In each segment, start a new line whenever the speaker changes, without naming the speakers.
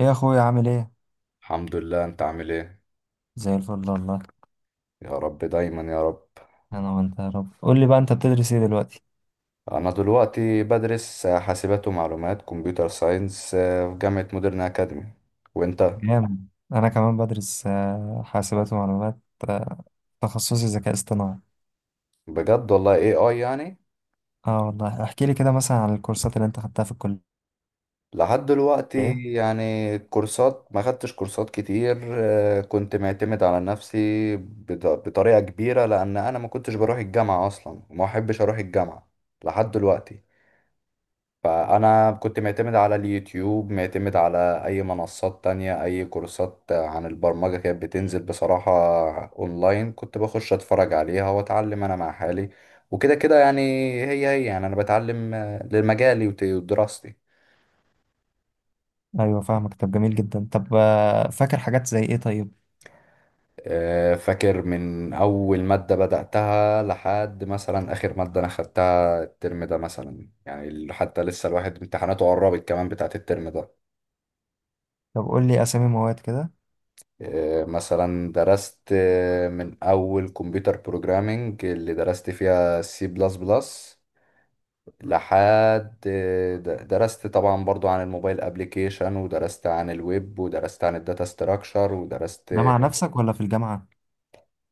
ايه يا اخويا عامل ايه؟
الحمد لله، انت عامل ايه؟
زي الفل والله.
يا رب دايما يا رب.
انا وانت يا رب، قول لي بقى انت بتدرس ايه دلوقتي؟
انا دلوقتي بدرس حاسبات ومعلومات كمبيوتر ساينس، في جامعة مودرن اكاديمي. وانت؟
جامد، انا كمان بدرس حاسبات ومعلومات. آه، تخصصي ذكاء اصطناعي.
بجد والله، اي اي يعني.
اه والله احكي لي كده مثلا عن الكورسات اللي انت خدتها في الكلية.
لحد دلوقتي يعني كورسات، ما خدتش كورسات كتير، كنت معتمد على نفسي بطريقة كبيرة، لان انا ما كنتش بروح الجامعة اصلا وما احبش اروح الجامعة لحد دلوقتي. فأنا كنت معتمد على اليوتيوب، معتمد على أي منصات تانية. أي كورسات عن البرمجة كانت بتنزل بصراحة أونلاين، كنت بخش أتفرج عليها وأتعلم أنا مع حالي، وكده كده يعني. هي يعني أنا بتعلم، لمجالي ودراستي.
ايوه فاهمك. طب جميل جدا. طب فاكر حاجات زي ايه طيب؟
فاكر من أول مادة بدأتها لحد مثلا آخر مادة أنا خدتها الترم ده، مثلا يعني، حتى لسه الواحد امتحاناته قربت كمان بتاعت الترم ده.
طب قول لي اسامي مواد كده.
مثلا درست، من اول كمبيوتر بروجرامينج اللي درست فيها سي بلس بلس، لحد درست طبعا برضو عن الموبايل ابليكيشن، ودرست عن الويب، ودرست عن الداتا ستراكشر ودرست.
ده مع نفسك ولا في الجامعة؟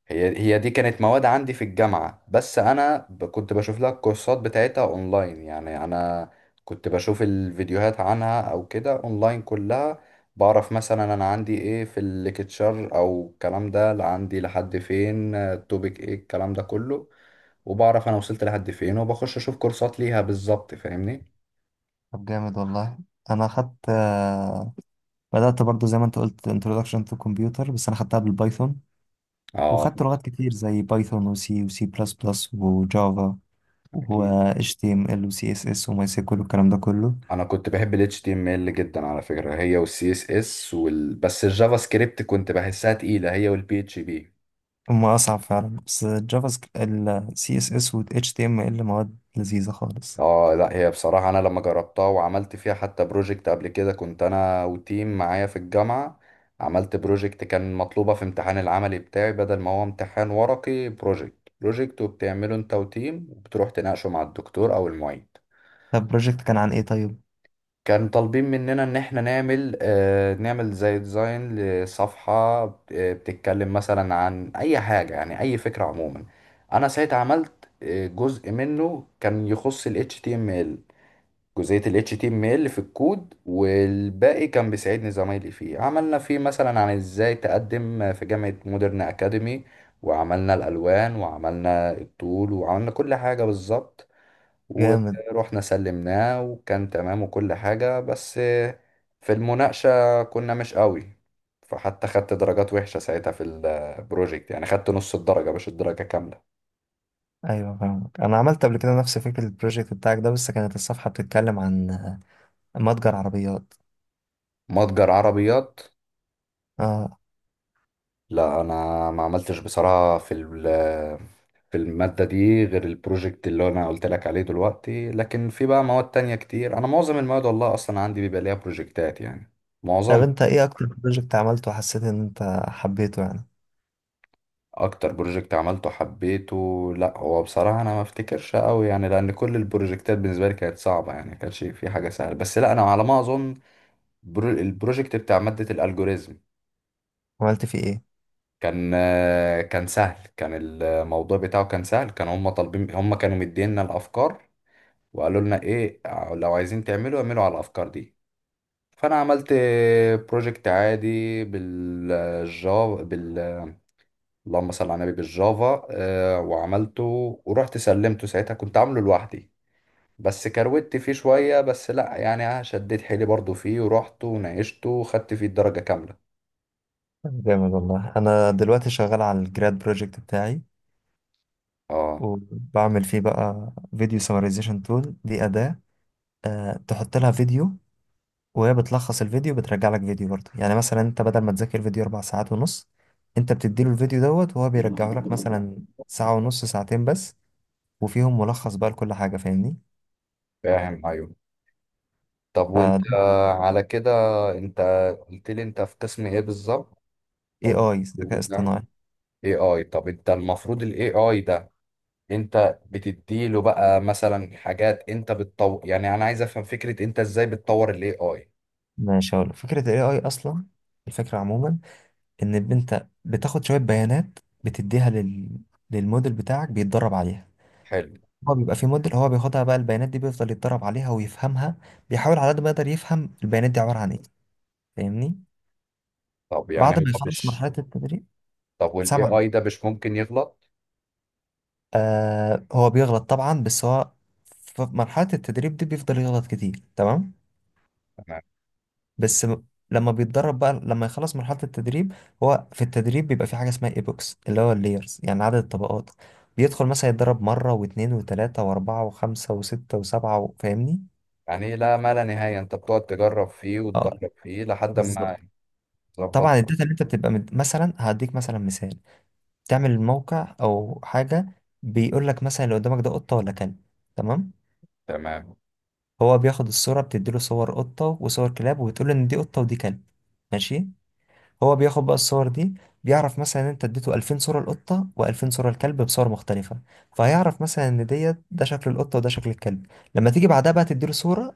هي دي كانت مواد عندي في الجامعة، بس أنا كنت بشوف لها الكورسات بتاعتها أونلاين. يعني أنا كنت بشوف الفيديوهات عنها أو كده أونلاين كلها. بعرف مثلا أنا عندي إيه في الليكتشر أو الكلام ده، لا عندي لحد فين، التوبيك إيه، الكلام ده كله. وبعرف أنا وصلت لحد فين وبخش أشوف كورسات ليها بالظبط. فاهمني؟
طب جامد والله. انا خدت بدأت برضو زي ما انت قلت introduction to computer، بس انا خدتها بالبايثون.
آه.
وخدت لغات كتير زي بايثون وسي وسي بلس بلس وجافا و
أكيد.
HTML و CSS و MySQL والكلام ده كله.
انا كنت بحب ال HTML جدا على فكرة، هي وال CSS وال... بس الجافا سكريبت كنت بحسها تقيلة، هي وال PHP.
هما أصعب فعلا، بس الجافا سكريبت ال CSS و HTML مواد لذيذة خالص.
اه لا، هي بصراحة انا لما جربتها وعملت فيها حتى بروجكت قبل كده، كنت انا وتيم معايا في الجامعة. عملت بروجكت كان مطلوبة في امتحان العملي بتاعي، بدل ما هو امتحان ورقي، بروجكت. بروجكت وبتعمله انت وتيم وبتروح تناقشه مع الدكتور او المعيد.
طب البروجكت كان عن إيه طيب؟
كان طالبين مننا ان احنا نعمل، آه، نعمل زي ديزاين لصفحة، بتتكلم مثلا عن اي حاجة، يعني اي فكرة عموما. انا ساعتها عملت، جزء منه كان يخص ال HTML. جزئية ال HTML في الكود، والباقي كان بيساعدني زمايلي فيه. عملنا فيه مثلا عن ازاي تقدم في جامعة مودرن أكاديمي، وعملنا الألوان، وعملنا الطول، وعملنا كل حاجة بالظبط.
جامد.
ورحنا سلمناه وكان تمام وكل حاجة، بس في المناقشة كنا مش قوي. فحتى خدت درجات وحشة ساعتها في البروجكت، يعني خدت نص الدرجة مش الدرجة كاملة.
أيوة فاهمك. أنا عملت قبل كده نفس فكرة البروجكت بتاعك ده، بس كانت الصفحة بتتكلم عن متجر عربيات.
متجر عربيات.
آه.
لا انا ما عملتش بصراحة في ال... في المادة دي غير البروجكت اللي أنا قلت لك عليه دلوقتي، لكن في بقى مواد تانية كتير. أنا معظم المواد والله أصلا عندي بيبقى ليها بروجكتات يعني،
طب
معظم.
أنت إيه أكتر بروجكت عملته وحسيت إن أنت حبيته يعني؟
أكتر بروجكت عملته حبيته، لأ هو بصراحة أنا ما أفتكرش أوي يعني، لأن كل البروجكتات بالنسبة لي كانت صعبة، يعني ما كانش في حاجة سهلة. بس لأ أنا على ما أظن، البروجكت بتاع مادة الألجوريزم
عملت فيه إيه؟
كان، كان سهل، كان الموضوع بتاعه كان سهل. كانوا هم طالبين، هم كانوا مدينا الأفكار، وقالوا لنا إيه، لو عايزين تعملوا اعملوا على الأفكار دي. فانا عملت بروجكت عادي بالجافا، بال... اللهم صل على النبي، بالجافا، وعملته ورحت سلمته. ساعتها كنت عامله لوحدي، بس كروت فيه شوية، بس لا يعني أنا شديت حيلي برضو فيه، ورحت وناقشته وخدت فيه الدرجة كاملة.
جامد والله. انا دلوقتي شغال على الجراد بروجكت بتاعي،
اه.
وبعمل فيه بقى فيديو سمرايزيشن تول. دي أداة، أه، تحط لها فيديو وهي بتلخص الفيديو، بترجع لك فيديو برضه. يعني مثلا انت بدل ما تذاكر فيديو اربع ساعات ونص، انت بتديله الفيديو دوت وهو بيرجعه لك مثلا ساعة ونص، ساعتين بس، وفيهم ملخص بقى لكل حاجة. فاهمني؟
فاهم، ايوه. طب وانت،
فده
على كده، انت قلت لي انت في قسم ايه بالظبط؟
اي
او
اي ذكاء
بتاع
اصطناعي.
اي اي. طب انت المفروض الاي اي ده، انت بتديله بقى مثلا حاجات انت بتطور. يعني انا عايز افهم فكرة انت ازاي بتطور الاي اي.
ماشي، هقول فكرة الاي اي اصلا. الفكرة عموما ان انت بتاخد شوية بيانات بتديها للموديل بتاعك بيتدرب عليها.
حلو.
هو بيبقى في موديل، هو بياخدها بقى البيانات دي، بيفضل يتدرب عليها ويفهمها. بيحاول على قد ما يقدر يفهم البيانات دي عبارة عن ايه. فاهمني؟
طب يعني
بعد ما
هو
يخلص
مش...
مرحلة التدريب.
طب والاي
سمع.
اي ده مش ممكن يغلط؟
هو بيغلط طبعا، بس هو في مرحلة التدريب دي بيفضل يغلط كتير. تمام.
تمام.
بس لما بيتدرب بقى، لما يخلص مرحلة التدريب، هو في التدريب بيبقى في حاجة اسمها ايبوكس، اللي هو اللايرز يعني عدد الطبقات. بيدخل مثلا يتدرب مرة واثنين وثلاثة وأربعة وخمسة وستة وسبعة فاهمني؟
يعني لا ما لا نهاية، انت بتقعد تجرب فيه
اه،
وتدرب فيه لحد
بالظبط.
ما تظبط
طبعا
فيه.
الداتا اللي انت بتبقى مثلا هديك مثلا مثال، تعمل موقع او حاجه بيقول لك مثلا اللي قدامك ده قطه ولا كلب. تمام.
تمام.
هو بياخد الصوره، بتديله صور قطه وصور كلاب وبتقول له ان دي قطه ودي كلب. ماشي. هو بياخد بقى الصور دي، بيعرف مثلا ان انت اديته 2000 صوره القطه و2000 صوره الكلب بصور مختلفه، فهيعرف مثلا ان ديت ده شكل القطه وده شكل الكلب. لما تيجي بعدها بقى تديله صوره،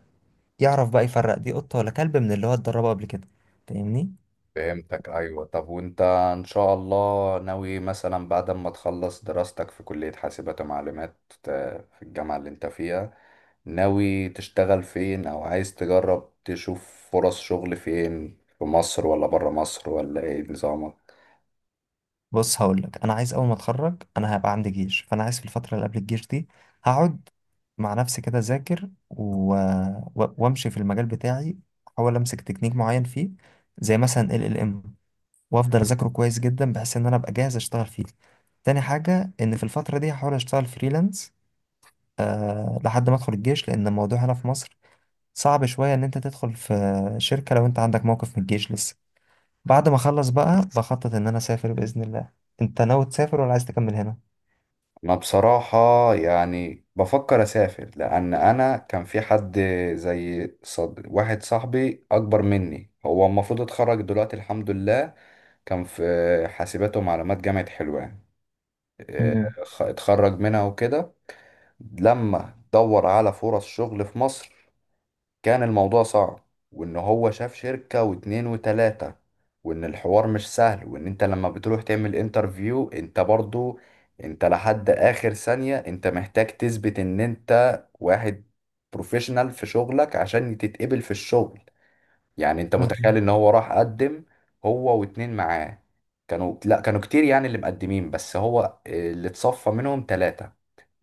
يعرف بقى يفرق دي قطه ولا كلب من اللي هو اتدربه قبل كده. فاهمني؟
فهمتك، ايوه. طب وانت ان شاء الله ناوي مثلا بعد ما تخلص دراستك في كلية حاسبات ومعلومات، في الجامعة اللي انت فيها، ناوي تشتغل فين، او عايز تجرب تشوف فرص شغل فين، في مصر ولا برا مصر، ولا ايه نظامك؟
بص هقول لك، انا عايز اول ما اتخرج انا هبقى عندي جيش، فانا عايز في الفتره اللي قبل الجيش دي هقعد مع نفسي كده اذاكر وامشي في المجال بتاعي، احاول امسك تكنيك معين فيه زي مثلا ال ال ام، وافضل اذاكره كويس جدا بحيث ان انا ابقى جاهز اشتغل فيه. تاني حاجه ان في الفتره دي هحاول اشتغل فريلانس، أه، لحد ما ادخل الجيش، لان الموضوع هنا في مصر صعب شويه ان انت تدخل في شركه لو انت عندك موقف من الجيش لسه. بعد ما اخلص بقى بخطط ان انا اسافر باذن الله. انت ناوي تسافر ولا عايز تكمل هنا؟
انا بصراحة يعني بفكر اسافر، لان انا كان في حد زي واحد صاحبي اكبر مني، هو المفروض اتخرج دلوقتي الحمد لله، كان في حاسبات ومعلومات جامعة حلوان، آه،
مم.
اتخرج منها وكده. لما دور على فرص شغل في مصر كان الموضوع صعب. وان هو شاف شركة واتنين وتلاتة، وان الحوار مش سهل، وان انت لما بتروح تعمل انترفيو انت برضو، انت لحد اخر ثانية انت محتاج تثبت ان انت واحد بروفيشنال في شغلك عشان تتقبل في الشغل. يعني انت متخيل
مم.
ان هو راح قدم هو واتنين معاه، كانوا لا كانوا كتير يعني اللي مقدمين، بس هو اللي اتصفى منهم تلاتة.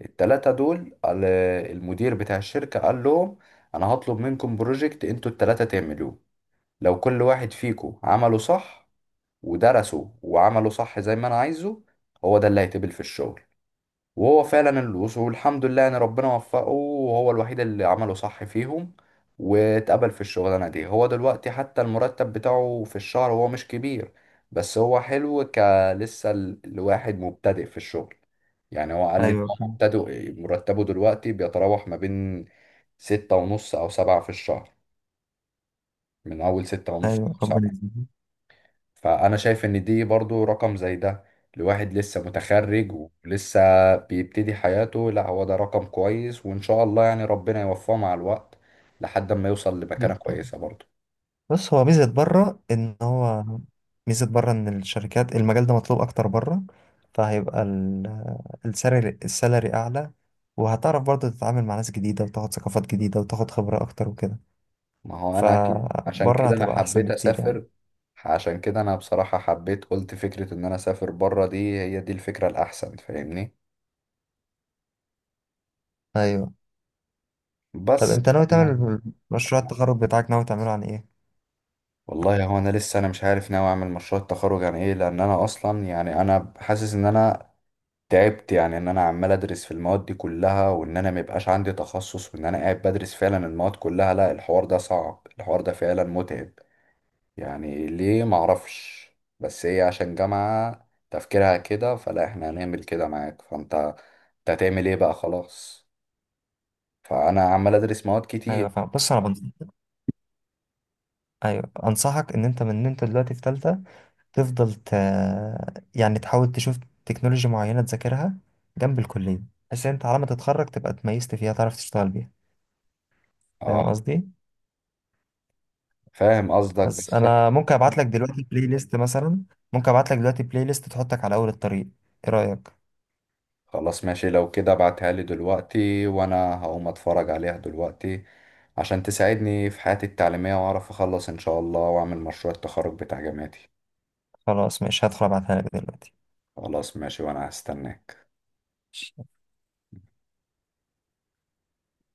التلاتة دول المدير بتاع الشركة قال لهم أنا هطلب منكم بروجكت انتوا التلاتة تعملوه، لو كل واحد فيكم عمله صح ودرسه وعمله صح زي ما أنا عايزه، هو ده اللي هيتقبل في الشغل. وهو فعلا الوصول والحمد لله ان ربنا وفقه، وهو الوحيد اللي عمله صح فيهم، واتقبل في الشغلانه دي. هو دلوقتي حتى المرتب بتاعه في الشهر هو مش كبير، بس هو حلو، كلسه الواحد مبتدئ في الشغل. يعني هو قال لي ان
ايوه.
هو مبتدئ مرتبه دلوقتي بيتراوح ما بين ستة ونص او سبعة في الشهر، من اول ستة ونص
ايوه
او
ربنا
سبعة.
يكرمك.
فأنا شايف إن دي برضو رقم زي ده لواحد لسه متخرج ولسه بيبتدي حياته، لا هو ده رقم كويس، وإن شاء الله يعني ربنا يوفقه مع الوقت لحد ما يوصل لمكانة
جدا.
كويسة برضو.
بص هو ميزه بره ان هو، ميزه بره ان الشركات المجال ده مطلوب اكتر بره، فهيبقى السالري، السالري اعلى، وهتعرف برضه تتعامل مع ناس جديده وتاخد ثقافات جديده وتاخد خبره اكتر وكده.
ما هو أنا أكيد عشان
فبره
كده أنا
هتبقى احسن
حبيت
بكتير يعني.
أسافر. عشان كده أنا بصراحة حبيت، قلت فكرة إن أنا أسافر بره دي هي دي الفكرة الأحسن، فاهمني.
ايوه. طب
بس
انت ناوي
فأنا...
تعمل مشروع التخرج بتاعك، ناوي تعمله عن ايه؟
والله هو أنا لسه أنا مش عارف ناوي أعمل مشروع التخرج عن إيه، لأن أنا أصلا يعني أنا حاسس إن أنا تعبت، يعني ان انا عمال ادرس في المواد دي كلها وان انا ميبقاش عندي تخصص، وان انا قاعد بدرس فعلا المواد كلها، لا الحوار ده صعب، الحوار ده فعلا متعب يعني. ليه؟ معرفش، بس هي عشان جامعة تفكيرها كده فلا احنا هنعمل كده معاك، فانت انت هتعمل ايه بقى؟ خلاص، فانا عمال ادرس مواد
ايوه
كتير.
فاهم. بص انا بنصحك، ايوه انصحك، ان انت من ان انت دلوقتي في تالتة تفضل يعني تحاول تشوف تكنولوجيا معينة تذاكرها جنب الكلية، بحيث ان انت على ما تتخرج تبقى اتميزت فيها، تعرف تشتغل بيها.
اه
فاهم قصدي؟
فاهم قصدك،
بس
بس
انا ممكن ابعت لك دلوقتي بلاي ليست مثلا، ممكن ابعت لك دلوقتي بلاي ليست تحطك على اول الطريق. ايه رأيك؟
خلاص ماشي لو كده ابعتها لي دلوقتي، وانا هقوم اتفرج عليها دلوقتي عشان تساعدني في حياتي التعليمية، واعرف اخلص ان شاء الله واعمل مشروع التخرج بتاع جامعتي.
خلاص ماشي، هدخل ابعتها لك دلوقتي.
خلاص ماشي، وانا هستناك.